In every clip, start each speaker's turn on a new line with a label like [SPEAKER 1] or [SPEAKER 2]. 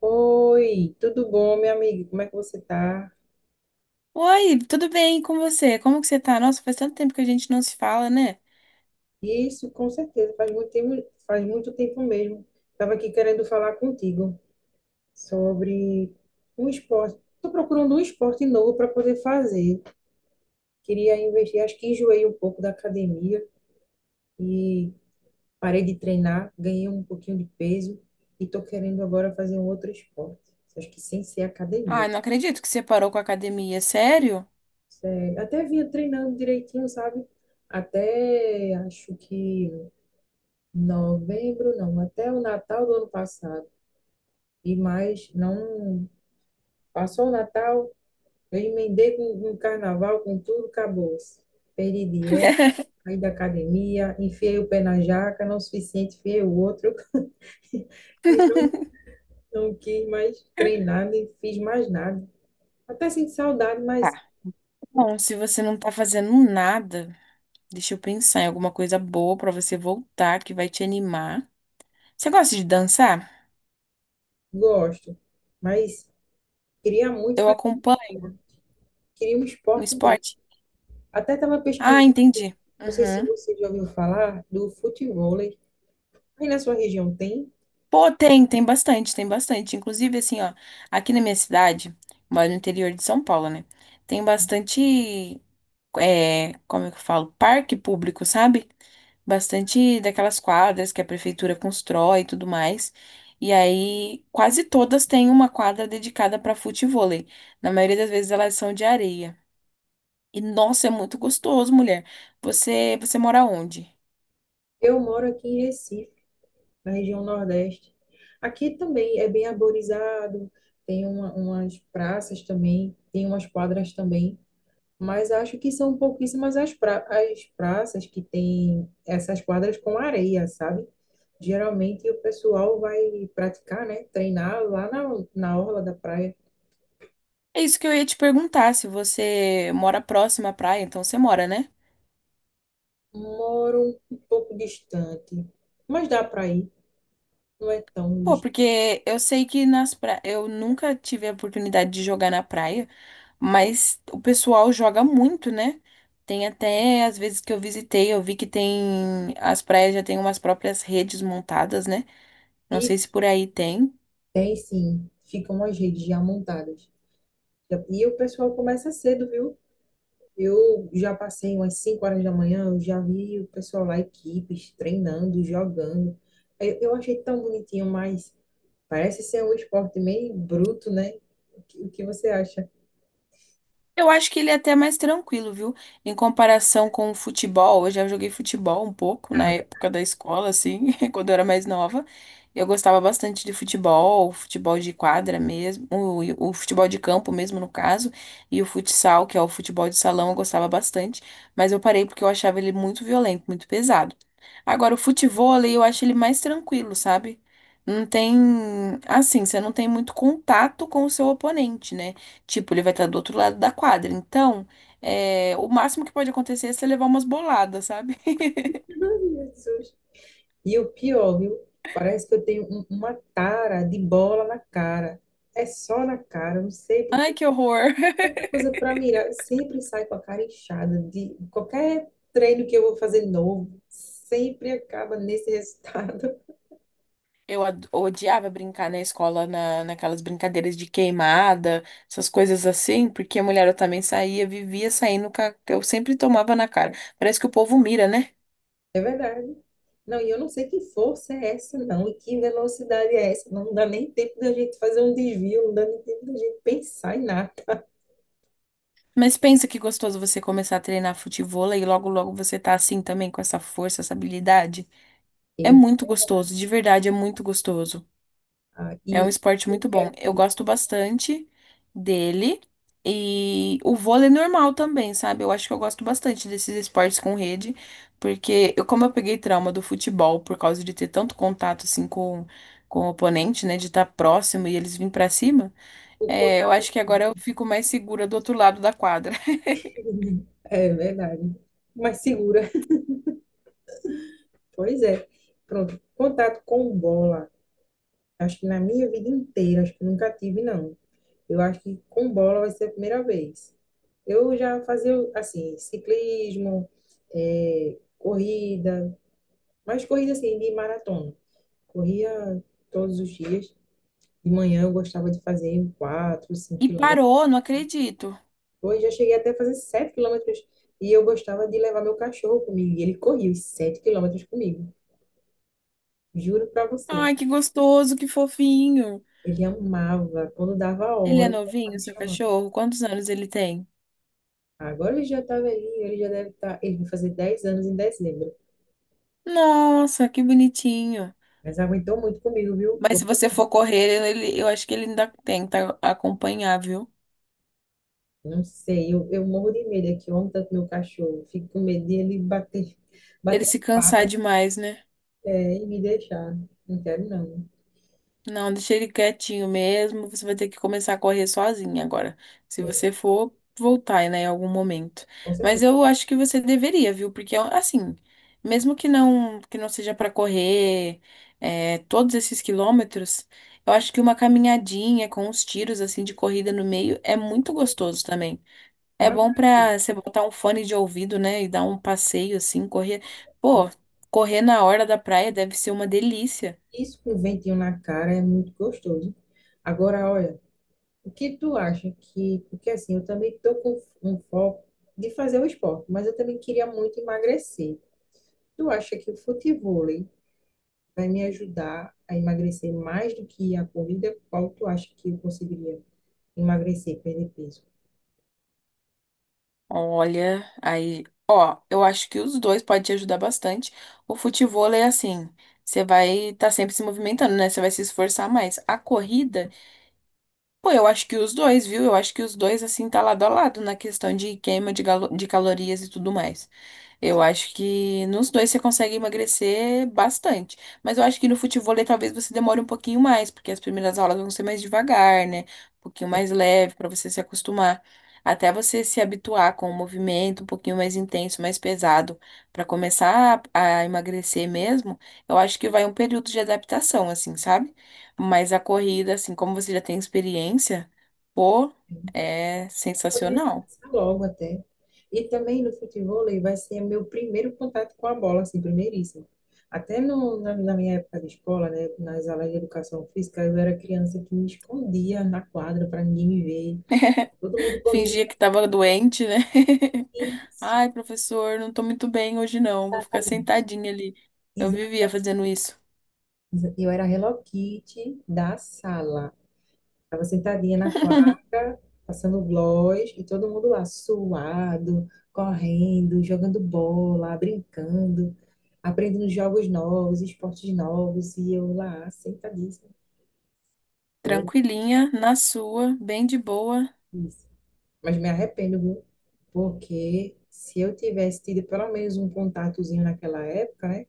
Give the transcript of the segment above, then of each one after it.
[SPEAKER 1] Oi, tudo bom, minha amiga? Como é que você tá?
[SPEAKER 2] Oi, tudo bem com você? Como que você tá? Nossa, faz tanto tempo que a gente não se fala, né?
[SPEAKER 1] Isso, com certeza, faz muito tempo mesmo. Estava aqui querendo falar contigo sobre um esporte. Estou procurando um esporte novo para poder fazer. Queria investir, acho que enjoei um pouco da academia e parei de treinar, ganhei um pouquinho de peso e estou querendo agora fazer um outro esporte. Acho que sem ser
[SPEAKER 2] Ah,
[SPEAKER 1] academia.
[SPEAKER 2] não acredito que você parou com a academia, sério?
[SPEAKER 1] Sério, até vinha treinando direitinho, sabe? Até acho que novembro não, até o Natal do ano passado. E mais, não passou o Natal, eu emendei com o carnaval, com tudo, acabou-se. Perdi dieta, saí da academia, enfiei o pé na jaca, não é o suficiente, enfiei o outro e não quis mais treinar, nem fiz mais nada. Até sinto saudade, mas
[SPEAKER 2] Tá. Bom, se você não tá fazendo nada, deixa eu pensar em alguma coisa boa pra você voltar que vai te animar. Você gosta de dançar?
[SPEAKER 1] gosto. Mas queria muito
[SPEAKER 2] Eu
[SPEAKER 1] fazer um
[SPEAKER 2] acompanho
[SPEAKER 1] esporte, queria um
[SPEAKER 2] um
[SPEAKER 1] esporte mesmo.
[SPEAKER 2] esporte.
[SPEAKER 1] Até estava
[SPEAKER 2] Ah,
[SPEAKER 1] pesquisando,
[SPEAKER 2] entendi.
[SPEAKER 1] não sei se
[SPEAKER 2] Uhum.
[SPEAKER 1] você já ouviu falar, do futebol. Aí na sua região tem?
[SPEAKER 2] Pô, tem, tem bastante, tem bastante. Inclusive, assim, ó, aqui na minha cidade, eu moro no interior de São Paulo, né? Tem bastante. É, como é que eu falo? Parque público, sabe? Bastante daquelas quadras que a prefeitura constrói e tudo mais. E aí, quase todas têm uma quadra dedicada para futevôlei. Na maioria das vezes elas são de areia. E nossa, é muito gostoso, mulher. Você mora onde?
[SPEAKER 1] Eu moro aqui em Recife, na região Nordeste. Aqui também é bem arborizado, tem umas praças também, tem umas quadras também, mas acho que são pouquíssimas as praças que têm essas quadras com areia, sabe? Geralmente o pessoal vai praticar, né? Treinar lá na orla da praia.
[SPEAKER 2] É isso que eu ia te perguntar, se você mora próximo à praia, então você mora, né?
[SPEAKER 1] Moro um pouco distante, mas dá para ir, não é tão
[SPEAKER 2] Pô,
[SPEAKER 1] distante.
[SPEAKER 2] porque eu sei que nas pra... eu nunca tive a oportunidade de jogar na praia. Mas o pessoal joga muito, né? Tem até, às vezes que eu visitei, eu vi que tem, as praias já têm umas próprias redes montadas, né? Não sei se por aí tem.
[SPEAKER 1] Tem sim, ficam as redes já montadas. E o pessoal começa cedo, viu? Eu já passei umas 5 horas da manhã, eu já vi o pessoal lá, equipes, treinando, jogando. Eu achei tão bonitinho, mas parece ser um esporte meio bruto, né? O que você acha?
[SPEAKER 2] Eu acho que ele é até mais tranquilo, viu? Em comparação com o futebol, eu já joguei futebol um pouco na
[SPEAKER 1] Ah,
[SPEAKER 2] época da escola, assim, quando eu era mais nova. Eu gostava bastante de futebol, futebol de quadra mesmo, o futebol de campo mesmo, no caso, e o futsal, que é o futebol de salão, eu gostava bastante, mas eu parei porque eu achava ele muito violento, muito pesado. Agora, o futevôlei, eu acho ele mais tranquilo, sabe? Não tem, assim, você não tem muito contato com o seu oponente, né? Tipo, ele vai estar do outro lado da quadra. Então, é, o máximo que pode acontecer é você levar umas boladas, sabe?
[SPEAKER 1] Jesus. E o pior, viu? Parece que eu tenho uma tara de bola na cara. É só na cara, eu não sei por
[SPEAKER 2] Ai, que horror!
[SPEAKER 1] tanta coisa para mirar. Sempre sai com a cara inchada de qualquer treino que eu vou fazer novo, sempre acaba nesse resultado.
[SPEAKER 2] Odiava brincar na escola, naquelas brincadeiras de queimada, essas coisas assim, porque a mulher eu também saía, vivia saindo, eu sempre tomava na cara. Parece que o povo mira, né?
[SPEAKER 1] É verdade. Não, e eu não sei que força é essa, não, e que velocidade é essa. Não dá nem tempo da gente fazer um desvio, não dá nem tempo da gente pensar em nada.
[SPEAKER 2] Mas pensa que gostoso você começar a treinar futevôlei e logo logo você tá assim também, com essa força, essa habilidade. É
[SPEAKER 1] E,
[SPEAKER 2] muito gostoso, de verdade, é muito gostoso.
[SPEAKER 1] ah,
[SPEAKER 2] É um
[SPEAKER 1] e
[SPEAKER 2] esporte
[SPEAKER 1] eu
[SPEAKER 2] muito bom.
[SPEAKER 1] quero
[SPEAKER 2] Eu gosto bastante dele. E o vôlei é normal também, sabe? Eu acho que eu gosto bastante desses esportes com rede, porque eu, como eu peguei trauma do futebol por causa de ter tanto contato assim com o oponente, né? De estar próximo e eles virem pra cima,
[SPEAKER 1] o
[SPEAKER 2] é, eu
[SPEAKER 1] contato.
[SPEAKER 2] acho que agora eu fico mais segura do outro lado da quadra.
[SPEAKER 1] É verdade. Mais segura. Pois é. Pronto. Contato com bola. Acho que na minha vida inteira, acho que nunca tive, não. Eu acho que com bola vai ser a primeira vez. Eu já fazia, assim, ciclismo, corrida, mas corrida, assim, de maratona. Corria todos os dias. De manhã eu gostava de fazer 4, 5
[SPEAKER 2] E
[SPEAKER 1] quilômetros.
[SPEAKER 2] parou, não acredito.
[SPEAKER 1] Hoje já cheguei até a fazer 7 quilômetros. E eu gostava de levar meu cachorro comigo. E ele corria os 7 quilômetros comigo. Juro pra você.
[SPEAKER 2] Ai, que gostoso, que fofinho.
[SPEAKER 1] Ele amava. Quando dava a
[SPEAKER 2] Ele é
[SPEAKER 1] hora, ele estava
[SPEAKER 2] novinho,
[SPEAKER 1] me
[SPEAKER 2] seu
[SPEAKER 1] chamando.
[SPEAKER 2] cachorro? Quantos anos ele tem?
[SPEAKER 1] Agora ele já tá velhinho, ele já deve estar. Ele vai fazer 10 anos em dezembro.
[SPEAKER 2] Nossa, que bonitinho.
[SPEAKER 1] Mas aguentou muito comigo, viu?
[SPEAKER 2] Mas se você for correr, ele, eu acho que ele ainda tenta acompanhar, viu?
[SPEAKER 1] Não sei, eu morro de medo aqui. Ontem, tanto meu cachorro, fico com medo de ele bater,
[SPEAKER 2] Ele
[SPEAKER 1] bater as
[SPEAKER 2] se cansar
[SPEAKER 1] patas,
[SPEAKER 2] demais, né?
[SPEAKER 1] e me deixar. Não quero, não.
[SPEAKER 2] Não, deixa ele quietinho mesmo. Você vai ter que começar a correr sozinha agora. Se
[SPEAKER 1] É,
[SPEAKER 2] você for voltar, né, em algum momento.
[SPEAKER 1] com
[SPEAKER 2] Mas
[SPEAKER 1] certeza.
[SPEAKER 2] eu acho que você deveria, viu? Porque assim, mesmo que não seja para correr é, todos esses quilômetros, eu acho que uma caminhadinha com uns tiros assim de corrida no meio é muito gostoso também. É
[SPEAKER 1] Mas
[SPEAKER 2] bom pra você botar um fone de ouvido, né? E dar um passeio assim, correr. Pô, correr na hora da praia deve ser uma delícia.
[SPEAKER 1] isso com ventinho na cara é muito gostoso. Agora, olha, o que tu acha que. Porque assim, eu também estou com um foco de fazer o esporte, mas eu também queria muito emagrecer. Tu acha que o futebol vai me ajudar a emagrecer mais do que a corrida? Qual tu acha que eu conseguiria emagrecer, perder peso?
[SPEAKER 2] Olha, aí, ó, eu acho que os dois podem te ajudar bastante. O futevôlei é assim, você vai estar sempre se movimentando, né? Você vai se esforçar mais. A corrida, pô, eu acho que os dois, viu? Eu acho que os dois, assim, tá lado a lado na questão de queima de galo- de calorias e tudo mais. Eu acho que nos dois você consegue emagrecer bastante. Mas eu acho que no futevôlei talvez você demore um pouquinho mais, porque as primeiras aulas vão ser mais devagar, né? Um pouquinho mais leve para você se acostumar. Até você se habituar com o movimento um pouquinho mais intenso, mais pesado, para começar a emagrecer mesmo, eu acho que vai um período de adaptação, assim, sabe? Mas a corrida, assim, como você já tem experiência, pô,
[SPEAKER 1] É,
[SPEAKER 2] é
[SPEAKER 1] poderia
[SPEAKER 2] sensacional.
[SPEAKER 1] começar logo até. E também no futebol vai ser meu primeiro contato com a bola, assim, primeiríssimo. Até no, na, na minha época de escola, né, nas aulas de educação física, eu era criança que me escondia na quadra para ninguém me ver. Todo mundo corria.
[SPEAKER 2] Fingia que tava doente, né?
[SPEAKER 1] Isso,
[SPEAKER 2] Ai, professor, não tô muito bem hoje não, vou ficar
[SPEAKER 1] exatamente.
[SPEAKER 2] sentadinha ali. Eu
[SPEAKER 1] Exa-
[SPEAKER 2] vivia fazendo isso.
[SPEAKER 1] Eu era a Hello Kitty da sala. Estava sentadinha na quadra, passando gloss, e todo mundo lá suado, correndo, jogando bola, brincando, aprendendo jogos novos, esportes novos, e eu lá sentadíssima. Pô,
[SPEAKER 2] Tranquilinha, na sua, bem de boa.
[SPEAKER 1] isso. Mas me arrependo, viu? Porque se eu tivesse tido pelo menos um contatozinho naquela época, né?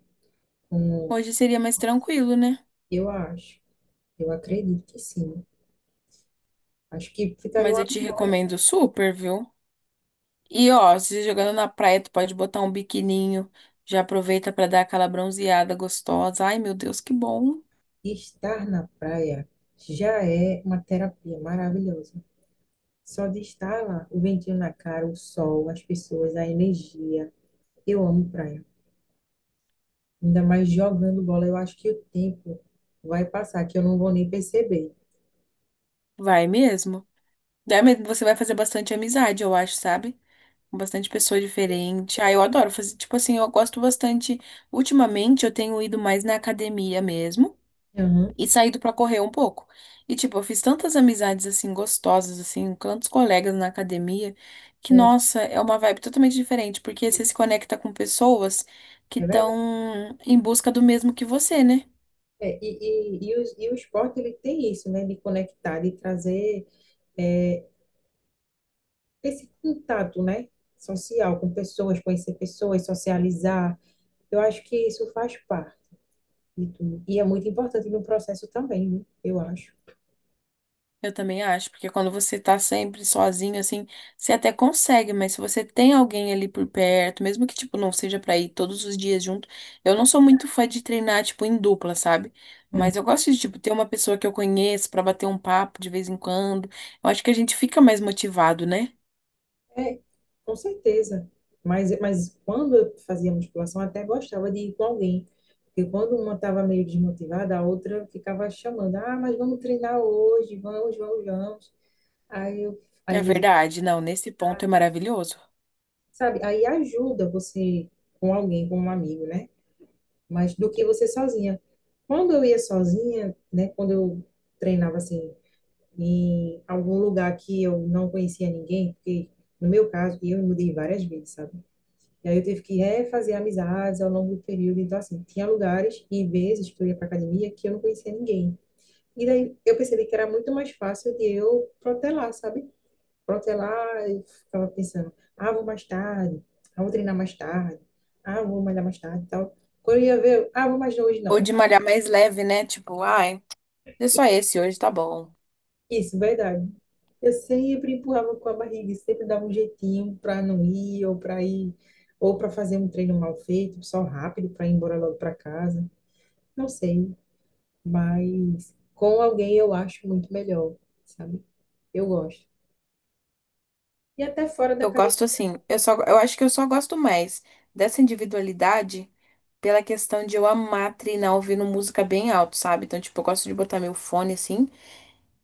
[SPEAKER 2] Hoje seria mais tranquilo, né?
[SPEAKER 1] Eu acho, eu acredito que sim. Acho que ficaria
[SPEAKER 2] Mas
[SPEAKER 1] uma
[SPEAKER 2] eu te
[SPEAKER 1] memória.
[SPEAKER 2] recomendo super, viu? E ó, se jogando na praia, tu pode botar um biquininho. Já aproveita pra dar aquela bronzeada gostosa. Ai, meu Deus, que bom.
[SPEAKER 1] Estar na praia já é uma terapia maravilhosa. Só de estar lá, o ventinho na cara, o sol, as pessoas, a energia. Eu amo praia. Ainda mais jogando bola, eu acho que o tempo vai passar, que eu não vou nem perceber.
[SPEAKER 2] Vai mesmo. Daí mesmo você vai fazer bastante amizade, eu acho, sabe? Com bastante pessoa diferente. Ah, eu adoro fazer, tipo assim, eu gosto bastante. Ultimamente eu tenho ido mais na academia mesmo
[SPEAKER 1] Aham.
[SPEAKER 2] e saído pra correr um pouco. E tipo, eu fiz tantas amizades assim gostosas assim, com tantos colegas na academia, que
[SPEAKER 1] É,
[SPEAKER 2] nossa, é uma vibe totalmente diferente, porque você se conecta com pessoas que
[SPEAKER 1] é verdade.
[SPEAKER 2] estão em busca do mesmo que você, né?
[SPEAKER 1] É, e o esporte ele tem isso, né? De conectar, de trazer é, esse contato, né? Social com pessoas, conhecer pessoas, socializar. Eu acho que isso faz parte de tudo. E é muito importante no processo também, né? Eu acho.
[SPEAKER 2] Eu também acho, porque quando você tá sempre sozinho, assim, você até consegue, mas se você tem alguém ali por perto, mesmo que, tipo, não seja pra ir todos os dias junto, eu não sou muito fã de treinar, tipo, em dupla, sabe? Mas eu gosto de, tipo, ter uma pessoa que eu conheço pra bater um papo de vez em quando. Eu acho que a gente fica mais motivado, né?
[SPEAKER 1] É, com certeza. Mas quando eu fazia musculação, até gostava de ir com alguém. Porque quando uma estava meio desmotivada, a outra ficava chamando: ah, mas vamos treinar hoje, vamos, vamos, vamos. Aí eu,
[SPEAKER 2] É
[SPEAKER 1] às vezes,
[SPEAKER 2] verdade, não, nesse ponto é maravilhoso.
[SPEAKER 1] sabe, aí ajuda você com alguém, com um amigo, né? Mas do que você sozinha. Quando eu ia sozinha, né, quando eu treinava assim, em algum lugar que eu não conhecia ninguém, porque no meu caso, eu me mudei várias vezes, sabe? E aí eu tive que refazer amizades ao longo do período. Então, assim, tinha lugares e vezes que eu ia para academia que eu não conhecia ninguém. E daí eu percebi que era muito mais fácil de eu protelar, sabe? Protelar e ficava pensando, ah, vou mais tarde, ah, vou treinar mais tarde, ah, vou malhar mais tarde e tal. Quando eu ia ver, ah, vou mais hoje
[SPEAKER 2] Ou
[SPEAKER 1] não.
[SPEAKER 2] de malhar mais leve, né? Tipo, ai, é só esse hoje, tá bom.
[SPEAKER 1] Isso, verdade. Eu sempre empurrava com a barriga, e sempre dava um jeitinho para não ir ou para ir ou para fazer um treino mal feito, só rápido para ir embora logo para casa. Não sei, mas com alguém eu acho muito melhor, sabe? Eu gosto. E até fora da
[SPEAKER 2] Eu
[SPEAKER 1] cadeia.
[SPEAKER 2] gosto assim, eu só, eu acho que eu só gosto mais dessa individualidade pela questão de eu amar treinar ouvindo música bem alto, sabe? Então, tipo, eu gosto de botar meu fone assim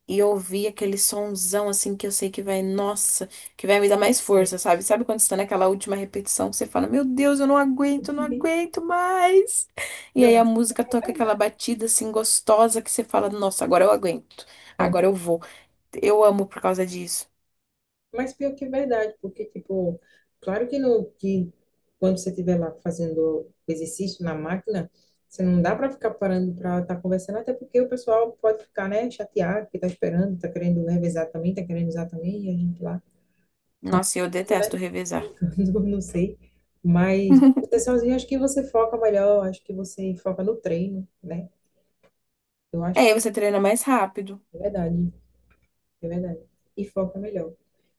[SPEAKER 2] e ouvir aquele sonzão assim que eu sei que vai, nossa, que vai me dar mais
[SPEAKER 1] De fé.
[SPEAKER 2] força, sabe? Sabe quando você tá naquela última repetição que você fala, meu Deus, eu não
[SPEAKER 1] Uhum.
[SPEAKER 2] aguento mais? E
[SPEAKER 1] Não,
[SPEAKER 2] aí a
[SPEAKER 1] mas pior
[SPEAKER 2] música
[SPEAKER 1] que é
[SPEAKER 2] toca aquela
[SPEAKER 1] verdade.
[SPEAKER 2] batida assim gostosa que você fala, nossa, agora eu aguento,
[SPEAKER 1] É,
[SPEAKER 2] agora eu vou. Eu amo por causa disso.
[SPEAKER 1] mas pior que é verdade, porque, tipo, claro que, no, que quando você estiver lá fazendo exercício na máquina, você não dá para ficar parando para estar conversando, até porque o pessoal pode ficar, né, chateado, que tá esperando, tá querendo revezar também, tá querendo usar também, e a gente lá,
[SPEAKER 2] Nossa, e eu
[SPEAKER 1] brincando,
[SPEAKER 2] detesto
[SPEAKER 1] né?
[SPEAKER 2] revezar.
[SPEAKER 1] Brincando, não sei. Mas proteçãozinha, acho que você foca melhor, acho que você foca no treino, né? Eu
[SPEAKER 2] É,
[SPEAKER 1] acho
[SPEAKER 2] aí
[SPEAKER 1] que
[SPEAKER 2] você treina mais rápido.
[SPEAKER 1] é verdade, é verdade. E foca melhor.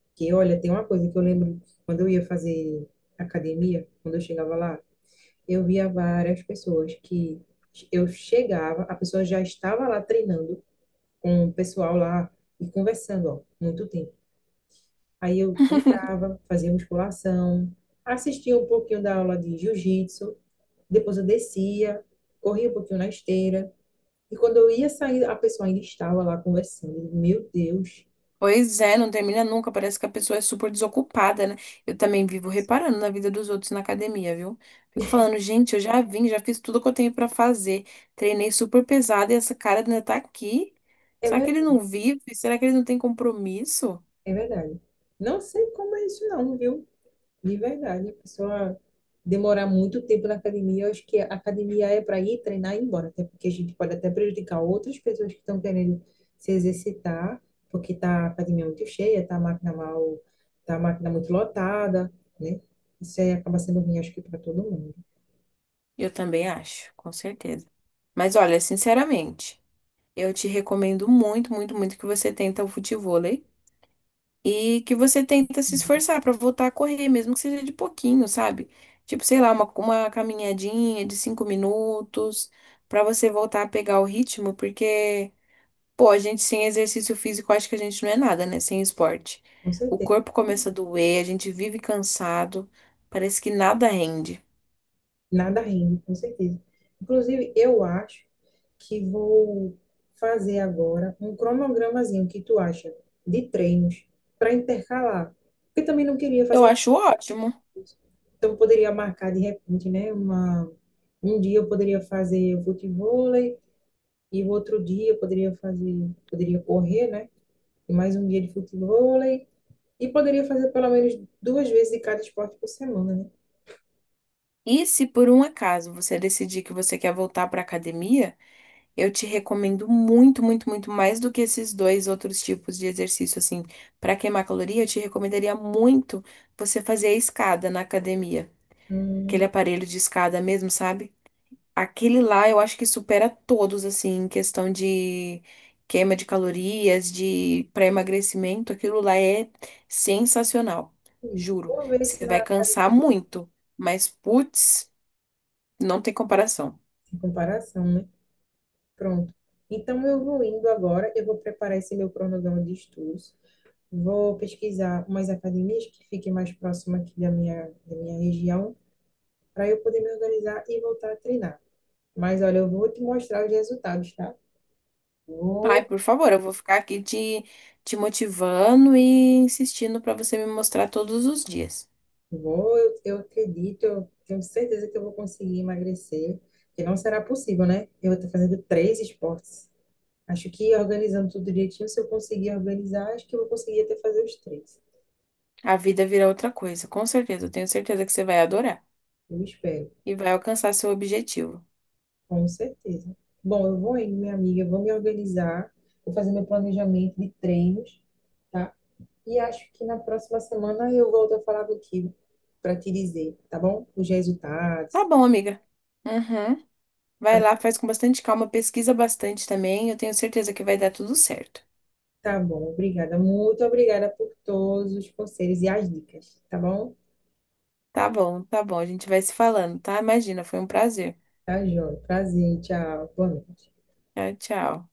[SPEAKER 1] Porque, olha, tem uma coisa que eu lembro quando eu ia fazer academia, quando eu chegava lá, eu via várias pessoas que eu chegava, a pessoa já estava lá treinando com o pessoal lá e conversando, ó, muito tempo. Aí eu entrava, fazia musculação, assistia um pouquinho da aula de jiu-jitsu. Depois eu descia, corria um pouquinho na esteira. E quando eu ia sair, a pessoa ainda estava lá conversando. Meu Deus,
[SPEAKER 2] Pois é, não termina nunca. Parece que a pessoa é super desocupada, né? Eu também vivo reparando na vida dos outros na academia, viu? Fico falando, gente, eu já vim, já fiz tudo que eu tenho pra fazer. Treinei super pesado e essa cara ainda tá aqui.
[SPEAKER 1] é
[SPEAKER 2] Será que ele não
[SPEAKER 1] verdade,
[SPEAKER 2] vive? Será que ele não tem compromisso?
[SPEAKER 1] é verdade. Não sei como é isso não, viu? De verdade, a pessoa demorar muito tempo na academia, eu acho que a academia é para ir treinar e ir embora, até porque a gente pode até prejudicar outras pessoas que estão querendo se exercitar, porque tá a academia muito cheia, tá a máquina mal, tá a máquina muito lotada, né? Isso aí acaba sendo ruim, acho que para todo mundo.
[SPEAKER 2] Eu também acho, com certeza. Mas olha, sinceramente, eu te recomendo muito, muito, muito que você tenta o futevôlei. E que você tenta se esforçar pra voltar a correr, mesmo que seja de pouquinho, sabe? Tipo, sei lá, uma caminhadinha de 5 minutos, pra você voltar a pegar o ritmo, porque, pô, a gente sem exercício físico, acho que a gente não é nada, né? Sem esporte.
[SPEAKER 1] Com
[SPEAKER 2] O
[SPEAKER 1] certeza.
[SPEAKER 2] corpo começa a doer, a gente vive cansado, parece que nada rende.
[SPEAKER 1] Nada rende, com certeza. Inclusive, eu acho que vou fazer agora um cronogramazinho que tu acha de treinos para intercalar. Porque também não queria
[SPEAKER 2] Eu
[SPEAKER 1] fazer,
[SPEAKER 2] acho ótimo.
[SPEAKER 1] então eu poderia marcar de repente, né? Uma, um dia eu poderia fazer futevôlei e o outro dia eu poderia fazer, poderia correr, né? E mais um dia de futevôlei e poderia fazer pelo menos duas vezes de cada esporte por semana, né?
[SPEAKER 2] E se por um acaso você decidir que você quer voltar pra academia, eu te recomendo muito, muito, muito mais do que esses dois outros tipos de exercício, assim. Para queimar caloria, eu te recomendaria muito você fazer a escada na academia. Aquele
[SPEAKER 1] Hum,
[SPEAKER 2] aparelho de escada mesmo, sabe? Aquele lá eu acho que supera todos, assim, em questão de queima de calorias, de para emagrecimento. Aquilo lá é sensacional, juro.
[SPEAKER 1] vou ver se
[SPEAKER 2] Você
[SPEAKER 1] na
[SPEAKER 2] vai cansar
[SPEAKER 1] academia,
[SPEAKER 2] muito, mas putz, não tem comparação.
[SPEAKER 1] em comparação, né? Pronto. Então, eu vou indo agora, eu vou preparar esse meu cronograma de estudos, vou pesquisar umas academias que fiquem mais próximas aqui da minha região, para eu poder me organizar e voltar a treinar. Mas, olha, eu vou te mostrar os resultados, tá?
[SPEAKER 2] Ai,
[SPEAKER 1] Vou,
[SPEAKER 2] por favor, eu vou ficar aqui te motivando e insistindo para você me mostrar todos os dias.
[SPEAKER 1] vou, eu acredito, eu tenho certeza que eu vou conseguir emagrecer, que não será possível, né? Eu estou fazendo três esportes. Acho que organizando tudo direitinho, se eu conseguir organizar, acho que eu vou conseguir até fazer os três.
[SPEAKER 2] A vida vira outra coisa, com certeza. Eu tenho certeza que você vai adorar
[SPEAKER 1] Eu espero.
[SPEAKER 2] e vai alcançar seu objetivo.
[SPEAKER 1] Com certeza. Bom, eu vou aí minha amiga, eu vou me organizar, vou fazer meu planejamento de treinos, tá? E acho que na próxima semana eu volto a falar contigo para te dizer, tá bom? Os
[SPEAKER 2] Tá
[SPEAKER 1] resultados.
[SPEAKER 2] bom, amiga. Uhum.
[SPEAKER 1] Tá,
[SPEAKER 2] Vai lá, faz com bastante calma, pesquisa bastante também. Eu tenho certeza que vai dar tudo certo.
[SPEAKER 1] tá bom, obrigada. Muito obrigada por todos os conselhos e as dicas, tá bom?
[SPEAKER 2] Tá bom, tá bom. A gente vai se falando, tá? Imagina, foi um prazer.
[SPEAKER 1] Tá, João. Prazer, tchau. Boa noite.
[SPEAKER 2] Tchau, tchau.